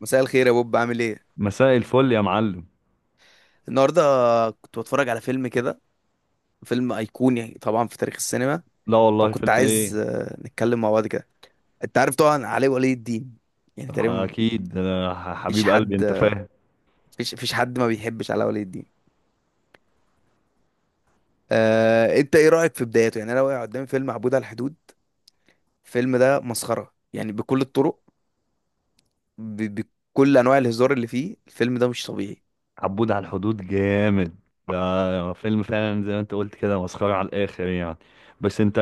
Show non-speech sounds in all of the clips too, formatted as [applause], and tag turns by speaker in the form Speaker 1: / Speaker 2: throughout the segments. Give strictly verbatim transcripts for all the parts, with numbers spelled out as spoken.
Speaker 1: مساء الخير يا بوب، عامل ايه
Speaker 2: مساء الفل يا معلم.
Speaker 1: النهارده؟ كنت بتفرج على فيلم كده، فيلم ايقوني طبعا في تاريخ السينما.
Speaker 2: لا والله،
Speaker 1: فكنت
Speaker 2: فيلم
Speaker 1: عايز
Speaker 2: ايه؟
Speaker 1: آه، نتكلم مع بعض كده. انت عارف طبعا علي ولي الدين، يعني تقريبا
Speaker 2: اكيد أنا
Speaker 1: مفيش
Speaker 2: حبيب قلبي،
Speaker 1: حد،
Speaker 2: انت فاهم.
Speaker 1: مفيش مفيش حد ما بيحبش علي ولي الدين. آه، انت ايه رايك في بدايته؟ يعني انا واقع قدامي فيلم عبود على الحدود. الفيلم ده مسخره يعني بكل الطرق، ب... بكل انواع الهزار اللي فيه. الفيلم ده مش طبيعي.
Speaker 2: عبود على الحدود جامد. ده فيلم فعلا زي ما انت قلت كده، مسخرة على الاخر يعني. بس انت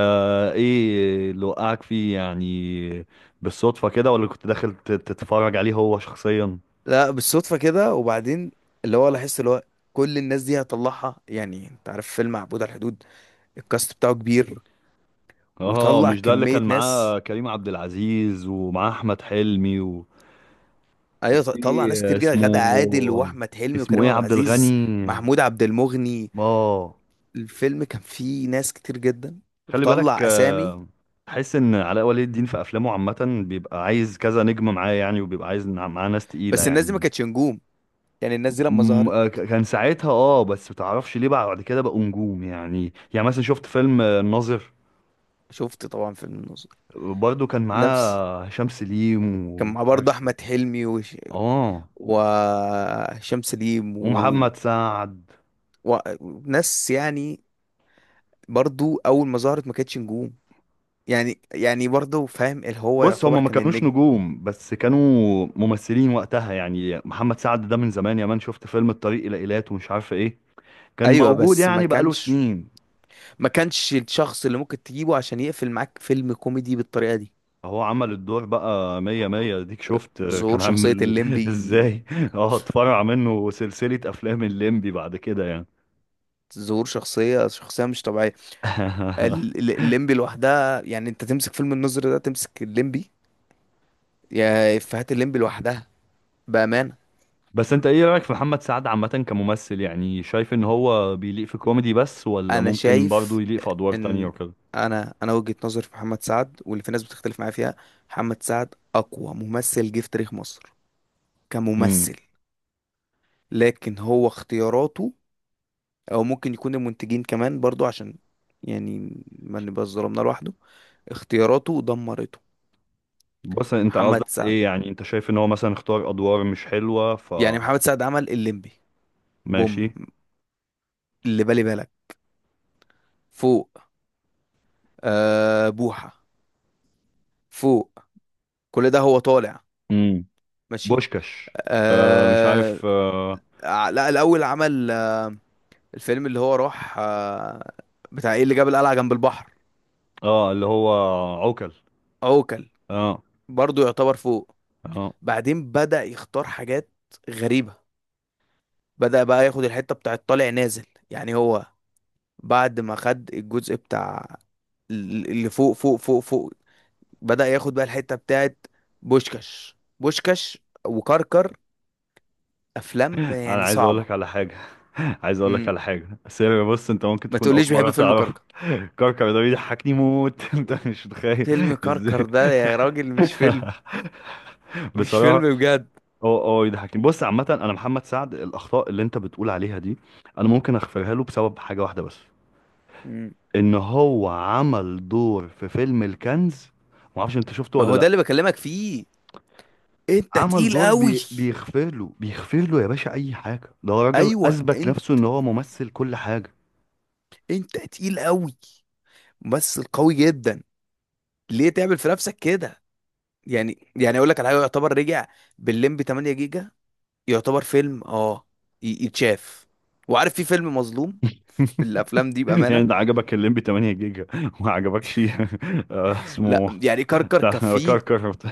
Speaker 2: ايه اللي وقعك فيه يعني؟ بالصدفة كده ولا كنت داخل تت- تتفرج عليه هو شخصيا؟
Speaker 1: لا بالصدفه كده، وبعدين اللي هو لاحظت اللي هو كل الناس دي هطلعها. يعني انت عارف فيلم عبود على الحدود، الكاست بتاعه كبير
Speaker 2: اه،
Speaker 1: وطلع
Speaker 2: مش ده اللي كان
Speaker 1: كمية ناس.
Speaker 2: معاه كريم عبد العزيز ومعاه احمد حلمي و-
Speaker 1: ايوه، ط- طلع
Speaker 2: وفي
Speaker 1: ناس كتير جدا: غادة عادل
Speaker 2: اسمه
Speaker 1: واحمد حلمي
Speaker 2: اسمه
Speaker 1: وكريم
Speaker 2: ايه،
Speaker 1: عبد
Speaker 2: عبد
Speaker 1: العزيز،
Speaker 2: الغني؟
Speaker 1: محمود عبد المغني.
Speaker 2: اه.
Speaker 1: الفيلم كان فيه ناس كتير جدا
Speaker 2: خلي بالك.
Speaker 1: وطلع اسامي.
Speaker 2: آه، تحس ان علاء ولي الدين في افلامه عامه بيبقى عايز كذا نجمه معاه يعني، وبيبقى عايز نع- معاه ناس تقيله
Speaker 1: بس الناس دي ما
Speaker 2: يعني.
Speaker 1: كانتش نجوم، يعني الناس دي لما
Speaker 2: م- آه،
Speaker 1: ظهرت.
Speaker 2: ك- كان ساعتها، اه، بس متعرفش ليه بقى بعد كده بقوا نجوم يعني يعني مثلا شفت فيلم آه، الناظر.
Speaker 1: شفت طبعا فيلم الناظر،
Speaker 2: برضه كان معاه
Speaker 1: نفس.
Speaker 2: آه، هشام سليم
Speaker 1: كان
Speaker 2: و،
Speaker 1: مع برضه
Speaker 2: عارفه،
Speaker 1: احمد حلمي وش...
Speaker 2: اه،
Speaker 1: وهشام سليم و...
Speaker 2: ومحمد سعد.
Speaker 1: و... وناس يعني. برضه اول ما ظهرت ما كانتش نجوم، يعني يعني برضه فاهم اللي هو
Speaker 2: بص،
Speaker 1: يعتبر
Speaker 2: هما ما
Speaker 1: كان
Speaker 2: كانوش
Speaker 1: النجم.
Speaker 2: نجوم بس كانوا ممثلين وقتها يعني. محمد سعد ده من زمان يا مان، شفت فيلم الطريق الى ايلات ومش عارف ايه. كان
Speaker 1: ايوه
Speaker 2: موجود
Speaker 1: بس ما
Speaker 2: يعني بقاله
Speaker 1: كانش،
Speaker 2: سنين.
Speaker 1: ما كانش الشخص اللي ممكن تجيبه عشان يقفل معاك فيلم كوميدي بالطريقه دي.
Speaker 2: هو عمل الدور بقى مية مية. ديك شفت آه،
Speaker 1: ظهور
Speaker 2: كان
Speaker 1: شخصيه
Speaker 2: عامل [laughs]
Speaker 1: الليمبي،
Speaker 2: ازاي. اه، اتفرع منه سلسلة افلام الليمبي بعد كده يعني.
Speaker 1: ظهور شخصيه شخصيه مش طبيعيه. ال-
Speaker 2: [laughs]
Speaker 1: ال- الليمبي لوحدها، يعني انت تمسك فيلم النظر ده تمسك الليمبي، يا افيهات الليمبي لوحدها، بامانه.
Speaker 2: بس انت ايه رأيك في محمد سعد عامة كممثل؟ يعني شايف ان هو بيليق في كوميدي بس ولا
Speaker 1: انا
Speaker 2: ممكن برضه
Speaker 1: شايف
Speaker 2: يليق في ادوار تانية
Speaker 1: ان،
Speaker 2: وكده؟
Speaker 1: انا انا وجهه نظري في محمد سعد واللي في ناس بتختلف معايا فيها، محمد سعد اقوى ممثل جه في تاريخ مصر
Speaker 2: امم.
Speaker 1: كممثل. لكن هو اختياراته، او ممكن يكون المنتجين كمان برضو عشان، يعني ما نبقاش ظلمنا لوحده، اختياراته دمرته.
Speaker 2: بص، انت
Speaker 1: محمد
Speaker 2: قصدك
Speaker 1: سعد،
Speaker 2: ايه يعني؟ انت شايف ان هو مثلا اختار ادوار مش حلوة ف...
Speaker 1: يعني محمد سعد عمل الليمبي، بوم،
Speaker 2: ماشي.
Speaker 1: اللي بالي بالك، فوق، آه بوحة، فوق، كل ده هو طالع.
Speaker 2: امم.
Speaker 1: ماشي.
Speaker 2: بوشكاش. آه، مش
Speaker 1: آه.
Speaker 2: عارف. اه,
Speaker 1: ع- لا، الاول عمل آه الفيلم اللي هو راح آه بتاع ايه اللي جاب القلعة جنب البحر،
Speaker 2: آه، اللي هو عوكل.
Speaker 1: عوكل.
Speaker 2: اه
Speaker 1: برضو يعتبر فوق.
Speaker 2: اه،
Speaker 1: بعدين بدأ يختار حاجات غريبة، بدأ بقى ياخد الحتة بتاعة طالع نازل. يعني هو بعد ما خد الجزء بتاع ال- اللي فوق فوق فوق فوق، بدأ ياخد بقى الحتة بتاعة بوشكاش، بوشكاش وكركر، أفلام
Speaker 2: انا
Speaker 1: يعني
Speaker 2: عايز اقول
Speaker 1: صعبة.
Speaker 2: لك على حاجه. [laughs] عايز اقول لك
Speaker 1: مم.
Speaker 2: على حاجه، بس هي- بص، انت ممكن
Speaker 1: ما
Speaker 2: تكون اول
Speaker 1: تقوليش
Speaker 2: مره
Speaker 1: بحب فيلم
Speaker 2: تعرف.
Speaker 1: كركر.
Speaker 2: كركر ده بيضحكني موت. [laughs] انت مش متخيل
Speaker 1: فيلم كركر
Speaker 2: ازاي.
Speaker 1: ده يا راجل مش فيلم،
Speaker 2: [laughs]
Speaker 1: مش
Speaker 2: بصراحه،
Speaker 1: فيلم بجد.
Speaker 2: هو هو يضحكني. بص، عامه انا محمد سعد، الاخطاء اللي انت بتقول عليها دي انا ممكن اغفرها له بسبب حاجه واحده بس.
Speaker 1: مم.
Speaker 2: ان هو عمل دور في فيلم الكنز. ما اعرفش انت شفته
Speaker 1: ما
Speaker 2: ولا
Speaker 1: هو ده
Speaker 2: لا.
Speaker 1: اللي بكلمك فيه، انت
Speaker 2: عمل
Speaker 1: تقيل
Speaker 2: دور
Speaker 1: قوي.
Speaker 2: بي... بيغفر له، بيغفر له يا باشا اي حاجه. ده راجل
Speaker 1: ايوه
Speaker 2: اثبت
Speaker 1: انت،
Speaker 2: نفسه ان هو ممثل كل حاجه.
Speaker 1: انت تقيل قوي، ممثل قوي جدا، ليه تعمل في نفسك كده؟ يعني يعني اقول لك على حاجه، يعتبر رجع بالليمب تمانية جيجا، يعتبر فيلم اه ي- يتشاف، وعارف في فيلم مظلوم، في الافلام دي
Speaker 2: [laughs] يعني
Speaker 1: بامانه.
Speaker 2: ده عجبك الليمبي 8 جيجا وما عجبكش؟ [laughs] آه،
Speaker 1: لا
Speaker 2: اسمه،
Speaker 1: يعني كركر
Speaker 2: بتاع
Speaker 1: كان فيه،
Speaker 2: كركر بتاع.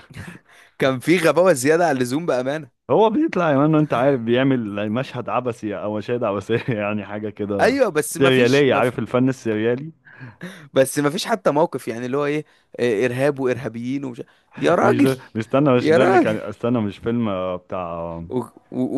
Speaker 1: كان فيه غباوه زياده عن اللزوم بامانه.
Speaker 2: هو بيطلع يا مان، انت عارف، بيعمل مشهد عبثي او مشاهد عبثيه [laughs] يعني حاجه كده
Speaker 1: ايوه بس ما فيش،
Speaker 2: سرياليه،
Speaker 1: ما في
Speaker 2: عارف الفن السريالي.
Speaker 1: بس ما فيش حتى موقف يعني اللي هو ايه، آه، ارهاب وارهابيين ومش، يا
Speaker 2: مش
Speaker 1: راجل،
Speaker 2: ده، مش استنى، مش
Speaker 1: يا
Speaker 2: ده اللي كان
Speaker 1: راجل،
Speaker 2: استنى، مش فيلم آه، بتاع.
Speaker 1: و... و...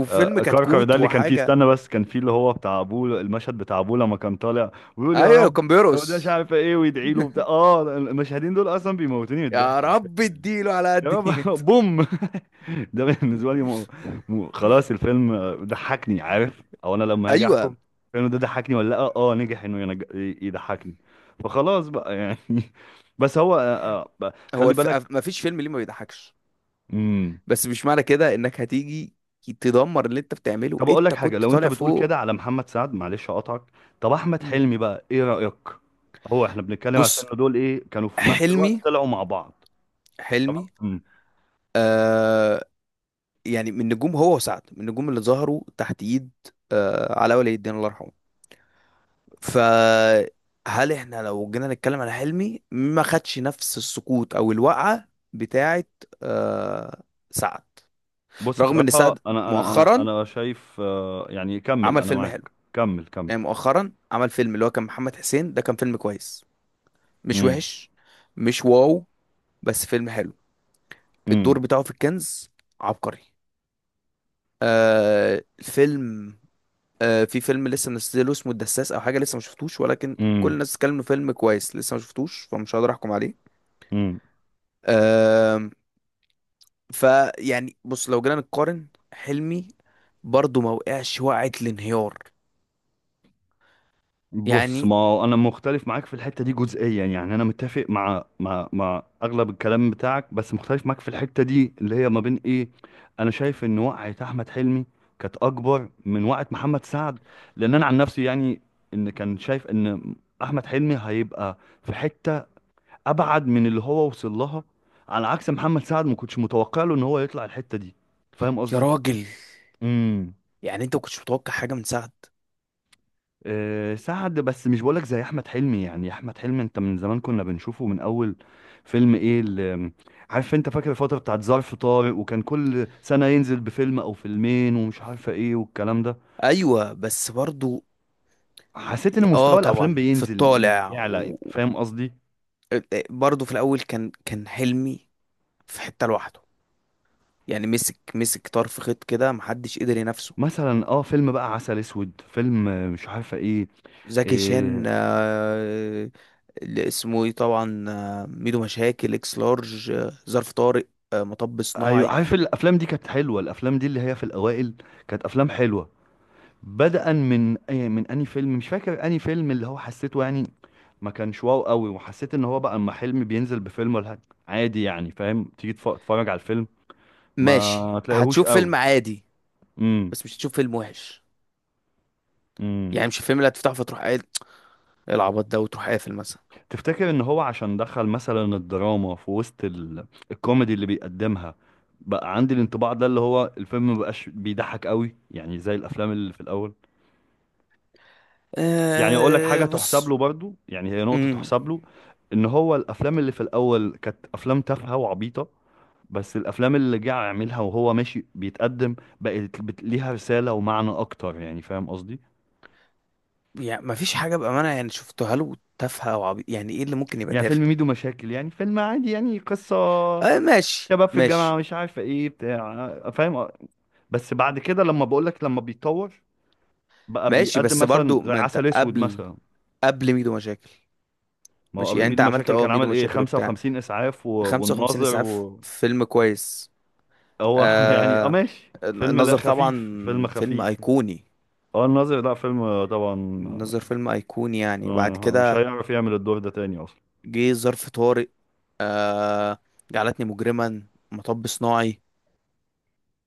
Speaker 1: وفيلم
Speaker 2: آه، آه، كركر ده
Speaker 1: كتكوت
Speaker 2: اللي كان فيه،
Speaker 1: وحاجه.
Speaker 2: استنى، بس كان فيه اللي هو بتاع ابوه، المشهد بتاع ابوه لما كان طالع ويقول يا
Speaker 1: ايوه
Speaker 2: رب
Speaker 1: كان
Speaker 2: لو ده مش
Speaker 1: بيرقص.
Speaker 2: عارف ايه ويدعي له
Speaker 1: [laughs]
Speaker 2: بتاع. اه، المشهدين دول اصلا بيموتوني من
Speaker 1: يا
Speaker 2: الضحك على فكره.
Speaker 1: رب اديله على
Speaker 2: يا
Speaker 1: قد
Speaker 2: رب.
Speaker 1: نيته.
Speaker 2: [laughs] بوم. [laughs] ده بالنسبه لي م... م... خلاص،
Speaker 1: [laughs]
Speaker 2: الفيلم ضحكني، عارف؟ او انا لما هاجي احكم
Speaker 1: ايوه.
Speaker 2: الفيلم ده ضحكني ولا لا؟ اه، نجح انه ينج... يضحكني، فخلاص بقى يعني. [laughs] بس هو، آه، آه،
Speaker 1: هو
Speaker 2: خلي
Speaker 1: الف...
Speaker 2: بالك.
Speaker 1: ما فيش فيلم ليه ما بيضحكش،
Speaker 2: امم.
Speaker 1: بس مش معنى كده انك هتيجي تدمر اللي انت بتعمله.
Speaker 2: طب اقول لك
Speaker 1: انت
Speaker 2: حاجه،
Speaker 1: كنت
Speaker 2: لو انت
Speaker 1: طالع
Speaker 2: بتقول
Speaker 1: فوق.
Speaker 2: كده على محمد سعد، معلش اقطعك. طب احمد
Speaker 1: مم.
Speaker 2: حلمي بقى ايه رايك؟ هو احنا بنتكلم على
Speaker 1: بص،
Speaker 2: السنه دول، ايه كانوا في نفس
Speaker 1: حلمي،
Speaker 2: الوقت طلعوا مع بعض.
Speaker 1: حلمي
Speaker 2: تمام.
Speaker 1: آه، يعني من نجوم، هو وسعد من النجوم اللي ظهروا تحت ايد آه علاء ولي الدين الله يرحمه. فهل احنا لو جينا نتكلم على حلمي ما خدش نفس السقوط او الوقعة بتاعت آه سعد؟
Speaker 2: بص،
Speaker 1: رغم ان
Speaker 2: بصراحة
Speaker 1: سعد
Speaker 2: أنا أنا أنا
Speaker 1: مؤخرا
Speaker 2: أنا شايف، آه، يعني، كمل،
Speaker 1: عمل
Speaker 2: أنا
Speaker 1: فيلم حلو،
Speaker 2: معاك، كمل كمل.
Speaker 1: يعني مؤخرا عمل فيلم اللي هو كان محمد حسين، ده كان فيلم كويس، مش
Speaker 2: امم
Speaker 1: وحش، مش واو، بس فيلم حلو.
Speaker 2: امم
Speaker 1: الدور بتاعه في الكنز عبقري. آه الفيلم، آه في فيلم لسه منزله اسمه الدساس او حاجه لسه ما شفتوش، ولكن كل
Speaker 2: امم
Speaker 1: الناس بتتكلم إنه فيلم كويس، لسه ما شفتوش فمش هقدر احكم عليه.
Speaker 2: امم.
Speaker 1: آه، فيعني بص لو جينا نقارن حلمي، برضه ما وقعش وقعة الانهيار
Speaker 2: بص،
Speaker 1: يعني.
Speaker 2: ما هو أنا مختلف معاك في الحتة دي جزئيا يعني. أنا متفق مع مع مع أغلب الكلام بتاعك، بس مختلف معاك في الحتة دي اللي هي ما بين إيه. أنا شايف إن وقعة أحمد حلمي كانت أكبر من وقعة محمد سعد. لأن أنا عن نفسي يعني، إن كان شايف إن أحمد حلمي هيبقى في حتة ابعد من اللي هو وصل لها، على عكس محمد سعد، ما كنتش متوقع له ان هو يطلع الحته دي. فاهم
Speaker 1: يا
Speaker 2: قصدي؟
Speaker 1: راجل،
Speaker 2: امم.
Speaker 1: يعني انت ما كنتش متوقع حاجه من سعد؟
Speaker 2: أه، سعد، بس مش بقولك زي احمد حلمي يعني. احمد حلمي انت من زمان كنا بنشوفه من اول فيلم. ايه اللي، عارف، انت فاكر الفتره بتاعت ظرف طارق؟ وكان كل سنه ينزل بفيلم او فيلمين ومش عارفه ايه والكلام ده.
Speaker 1: ايوه بس برضه
Speaker 2: حسيت ان
Speaker 1: اه
Speaker 2: مستوى الافلام
Speaker 1: طبعا في
Speaker 2: بينزل مش
Speaker 1: الطالع.
Speaker 2: بيعلى. فاهم قصدي؟
Speaker 1: وبرضه في الاول كان كان حلمي في حتة لوحده، يعني مسك مسك طرف خيط كده محدش قدر ينافسه.
Speaker 2: مثلا، اه، فيلم بقى عسل اسود، فيلم، آه، مش عارفه ايه.
Speaker 1: زكي شان
Speaker 2: آه،
Speaker 1: آه، اللي اسمه ايه طبعا، آه، ميدو مشاكل، اكس لارج، آه، ظرف طارق، آه، مطب
Speaker 2: ايوه،
Speaker 1: صناعي.
Speaker 2: عارف الافلام دي كانت حلوه. الافلام دي اللي هي في الاوائل كانت افلام حلوه. بدءا من أي- من اني فيلم، مش فاكر اني فيلم اللي هو حسيته يعني ما كانش واو قوي، وحسيت ان هو بقى اما حلمي بينزل بفيلم ولا حاجة عادي يعني. فاهم؟ تيجي تف- تتفرج على الفيلم
Speaker 1: ماشي
Speaker 2: ما تلاقيهوش
Speaker 1: هتشوف
Speaker 2: قوي.
Speaker 1: فيلم عادي،
Speaker 2: امم
Speaker 1: بس مش هتشوف فيلم وحش.
Speaker 2: امم.
Speaker 1: يعني مش الفيلم اللي هتفتحه فتروح قايل إيه العبط ده وتروح قافل مثلا.
Speaker 2: تفتكر ان هو عشان دخل مثلا الدراما في وسط ال... الكوميدي اللي بيقدمها، بقى عندي الانطباع ده اللي هو الفيلم مبقاش بيضحك قوي يعني زي الافلام اللي في الاول؟ يعني، اقول لك
Speaker 1: أه
Speaker 2: حاجه تحسب
Speaker 1: بص.
Speaker 2: له برضو، يعني هي نقطه
Speaker 1: مم.
Speaker 2: تحسب له، ان هو الافلام اللي في الاول كانت افلام تافهه وعبيطه، بس الافلام اللي جه يعملها وهو ماشي بيتقدم بقت بت- ليها رساله ومعنى اكتر يعني. فاهم قصدي؟
Speaker 1: يعني ما فيش حاجة بأمانة يعني شفتها له تافهة أو عبيط. يعني إيه اللي ممكن يبقى
Speaker 2: يعني فيلم
Speaker 1: تافه؟
Speaker 2: ميدو مشاكل يعني فيلم عادي، يعني قصه
Speaker 1: آه ماشي
Speaker 2: شباب في الجامعه
Speaker 1: ماشي.
Speaker 2: مش عارفه ايه بتاع، فاهم. بس بعد كده، لما بقول لك، لما بيتطور، بقى
Speaker 1: ماشي
Speaker 2: بيقدم
Speaker 1: بس
Speaker 2: مثلا
Speaker 1: برضو
Speaker 2: زي
Speaker 1: ما أنت
Speaker 2: عسل اسود
Speaker 1: قبل،
Speaker 2: مثلا.
Speaker 1: قبل ميدو مشاكل.
Speaker 2: ما هو
Speaker 1: ماشي،
Speaker 2: قبل
Speaker 1: يعني أنت
Speaker 2: ميدو
Speaker 1: عملت
Speaker 2: مشاكل
Speaker 1: أه
Speaker 2: كان
Speaker 1: ميدو
Speaker 2: عمل ايه،
Speaker 1: مشاكل وبتاع
Speaker 2: 55 اسعاف و...
Speaker 1: خمسة وخمسين
Speaker 2: والناظر.
Speaker 1: إسعاف، فيلم كويس.
Speaker 2: هو [laughs] يعني، اه،
Speaker 1: آه
Speaker 2: ماشي، فيلم، لا،
Speaker 1: النظر طبعا،
Speaker 2: خفيف، فيلم
Speaker 1: فيلم
Speaker 2: خفيف.
Speaker 1: أيقوني.
Speaker 2: اه، الناظر، لا، فيلم آه، طبعا.
Speaker 1: النظر فيلم أيقوني يعني.
Speaker 2: آه،
Speaker 1: وبعد
Speaker 2: آه، مش
Speaker 1: كده
Speaker 2: هيعرف يعمل الدور ده تاني اصلا.
Speaker 1: جه ظرف طارق، آه جعلتني مجرما، مطب صناعي،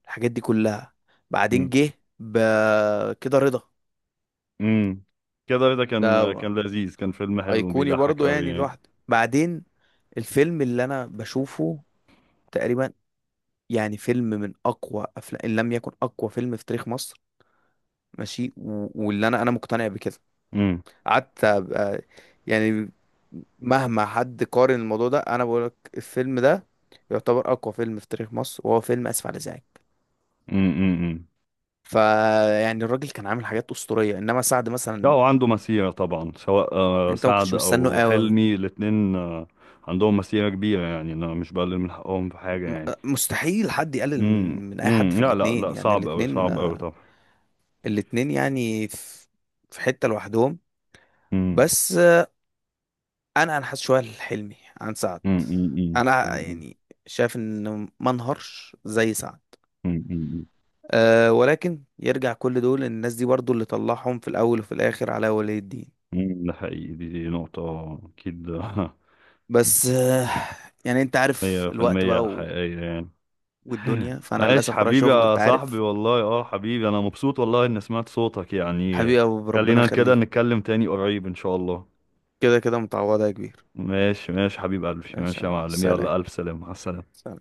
Speaker 1: الحاجات دي كلها. بعدين
Speaker 2: امم
Speaker 1: جه ب- كده رضا.
Speaker 2: امم. كده رضا كان، آه،
Speaker 1: ده
Speaker 2: كان لذيذ، كان فيلم حلو
Speaker 1: ايقوني
Speaker 2: وبيضحك
Speaker 1: برضو
Speaker 2: قوي
Speaker 1: يعني
Speaker 2: يعني.
Speaker 1: لوحده. بعدين الفيلم اللي انا بشوفه تقريبا، يعني فيلم من اقوى افلام ان لم يكن اقوى فيلم في تاريخ مصر، ماشي، و- واللي انا انا مقتنع بكده.
Speaker 2: امم
Speaker 1: قعدت أبقى، يعني مهما حد قارن الموضوع ده، انا بقول لك الفيلم ده يعتبر اقوى فيلم في تاريخ مصر، وهو فيلم اسف على الازعاج.
Speaker 2: امم امم.
Speaker 1: فيعني الراجل كان عامل حاجات اسطوريه، انما سعد
Speaker 2: لا،
Speaker 1: مثلا
Speaker 2: وعنده مسيرة طبعا، سواء آه،
Speaker 1: انت ما كنتش
Speaker 2: سعد
Speaker 1: مستنه
Speaker 2: او
Speaker 1: قوي أوي.
Speaker 2: حلمي، الاتنين آه، عندهم مسيرة كبيرة يعني. انا مش بقلل من حقهم في حاجة
Speaker 1: م-
Speaker 2: يعني.
Speaker 1: مستحيل حد يقلل
Speaker 2: امم
Speaker 1: من من اي حد
Speaker 2: امم.
Speaker 1: في
Speaker 2: لا لا
Speaker 1: الاتنين.
Speaker 2: لا،
Speaker 1: يعني
Speaker 2: صعب قوي،
Speaker 1: الاتنين،
Speaker 2: صعب قوي طبعا.
Speaker 1: الاتنين يعني في، في حتة لوحدهم.
Speaker 2: امم
Speaker 1: بس انا انحاز شوية لحلمي عن سعد.
Speaker 2: امم
Speaker 1: انا يعني شايف ان ما انهارش زي سعد.
Speaker 2: امم.
Speaker 1: أه ولكن يرجع كل دول إن الناس دي برضو اللي طلعهم في الاول وفي الاخر على ولي الدين.
Speaker 2: مم، ده حقيقي، دي, دي نقطة أكيد. [laughs]
Speaker 1: بس أه يعني انت عارف
Speaker 2: مية في
Speaker 1: الوقت
Speaker 2: المية
Speaker 1: بقى و...
Speaker 2: حقيقية يعني.
Speaker 1: والدنيا، فانا
Speaker 2: عايش
Speaker 1: للاسف ورايا
Speaker 2: حبيبي
Speaker 1: شغل
Speaker 2: يا
Speaker 1: انت
Speaker 2: صاحبي
Speaker 1: عارف.
Speaker 2: والله. اه، حبيبي، أنا مبسوط والله إني سمعت صوتك يعني.
Speaker 1: حبيبي يا ابو، ربنا
Speaker 2: خلينا كده
Speaker 1: يخليك.
Speaker 2: نتكلم تاني قريب إن شاء الله.
Speaker 1: كده كده متعوضة يا كبير.
Speaker 2: ماشي ماشي حبيب قلبي،
Speaker 1: ماشي،
Speaker 2: ماشي يا معلم،
Speaker 1: سلام،
Speaker 2: يلا، ألف سلامة على السلامة.
Speaker 1: سلام.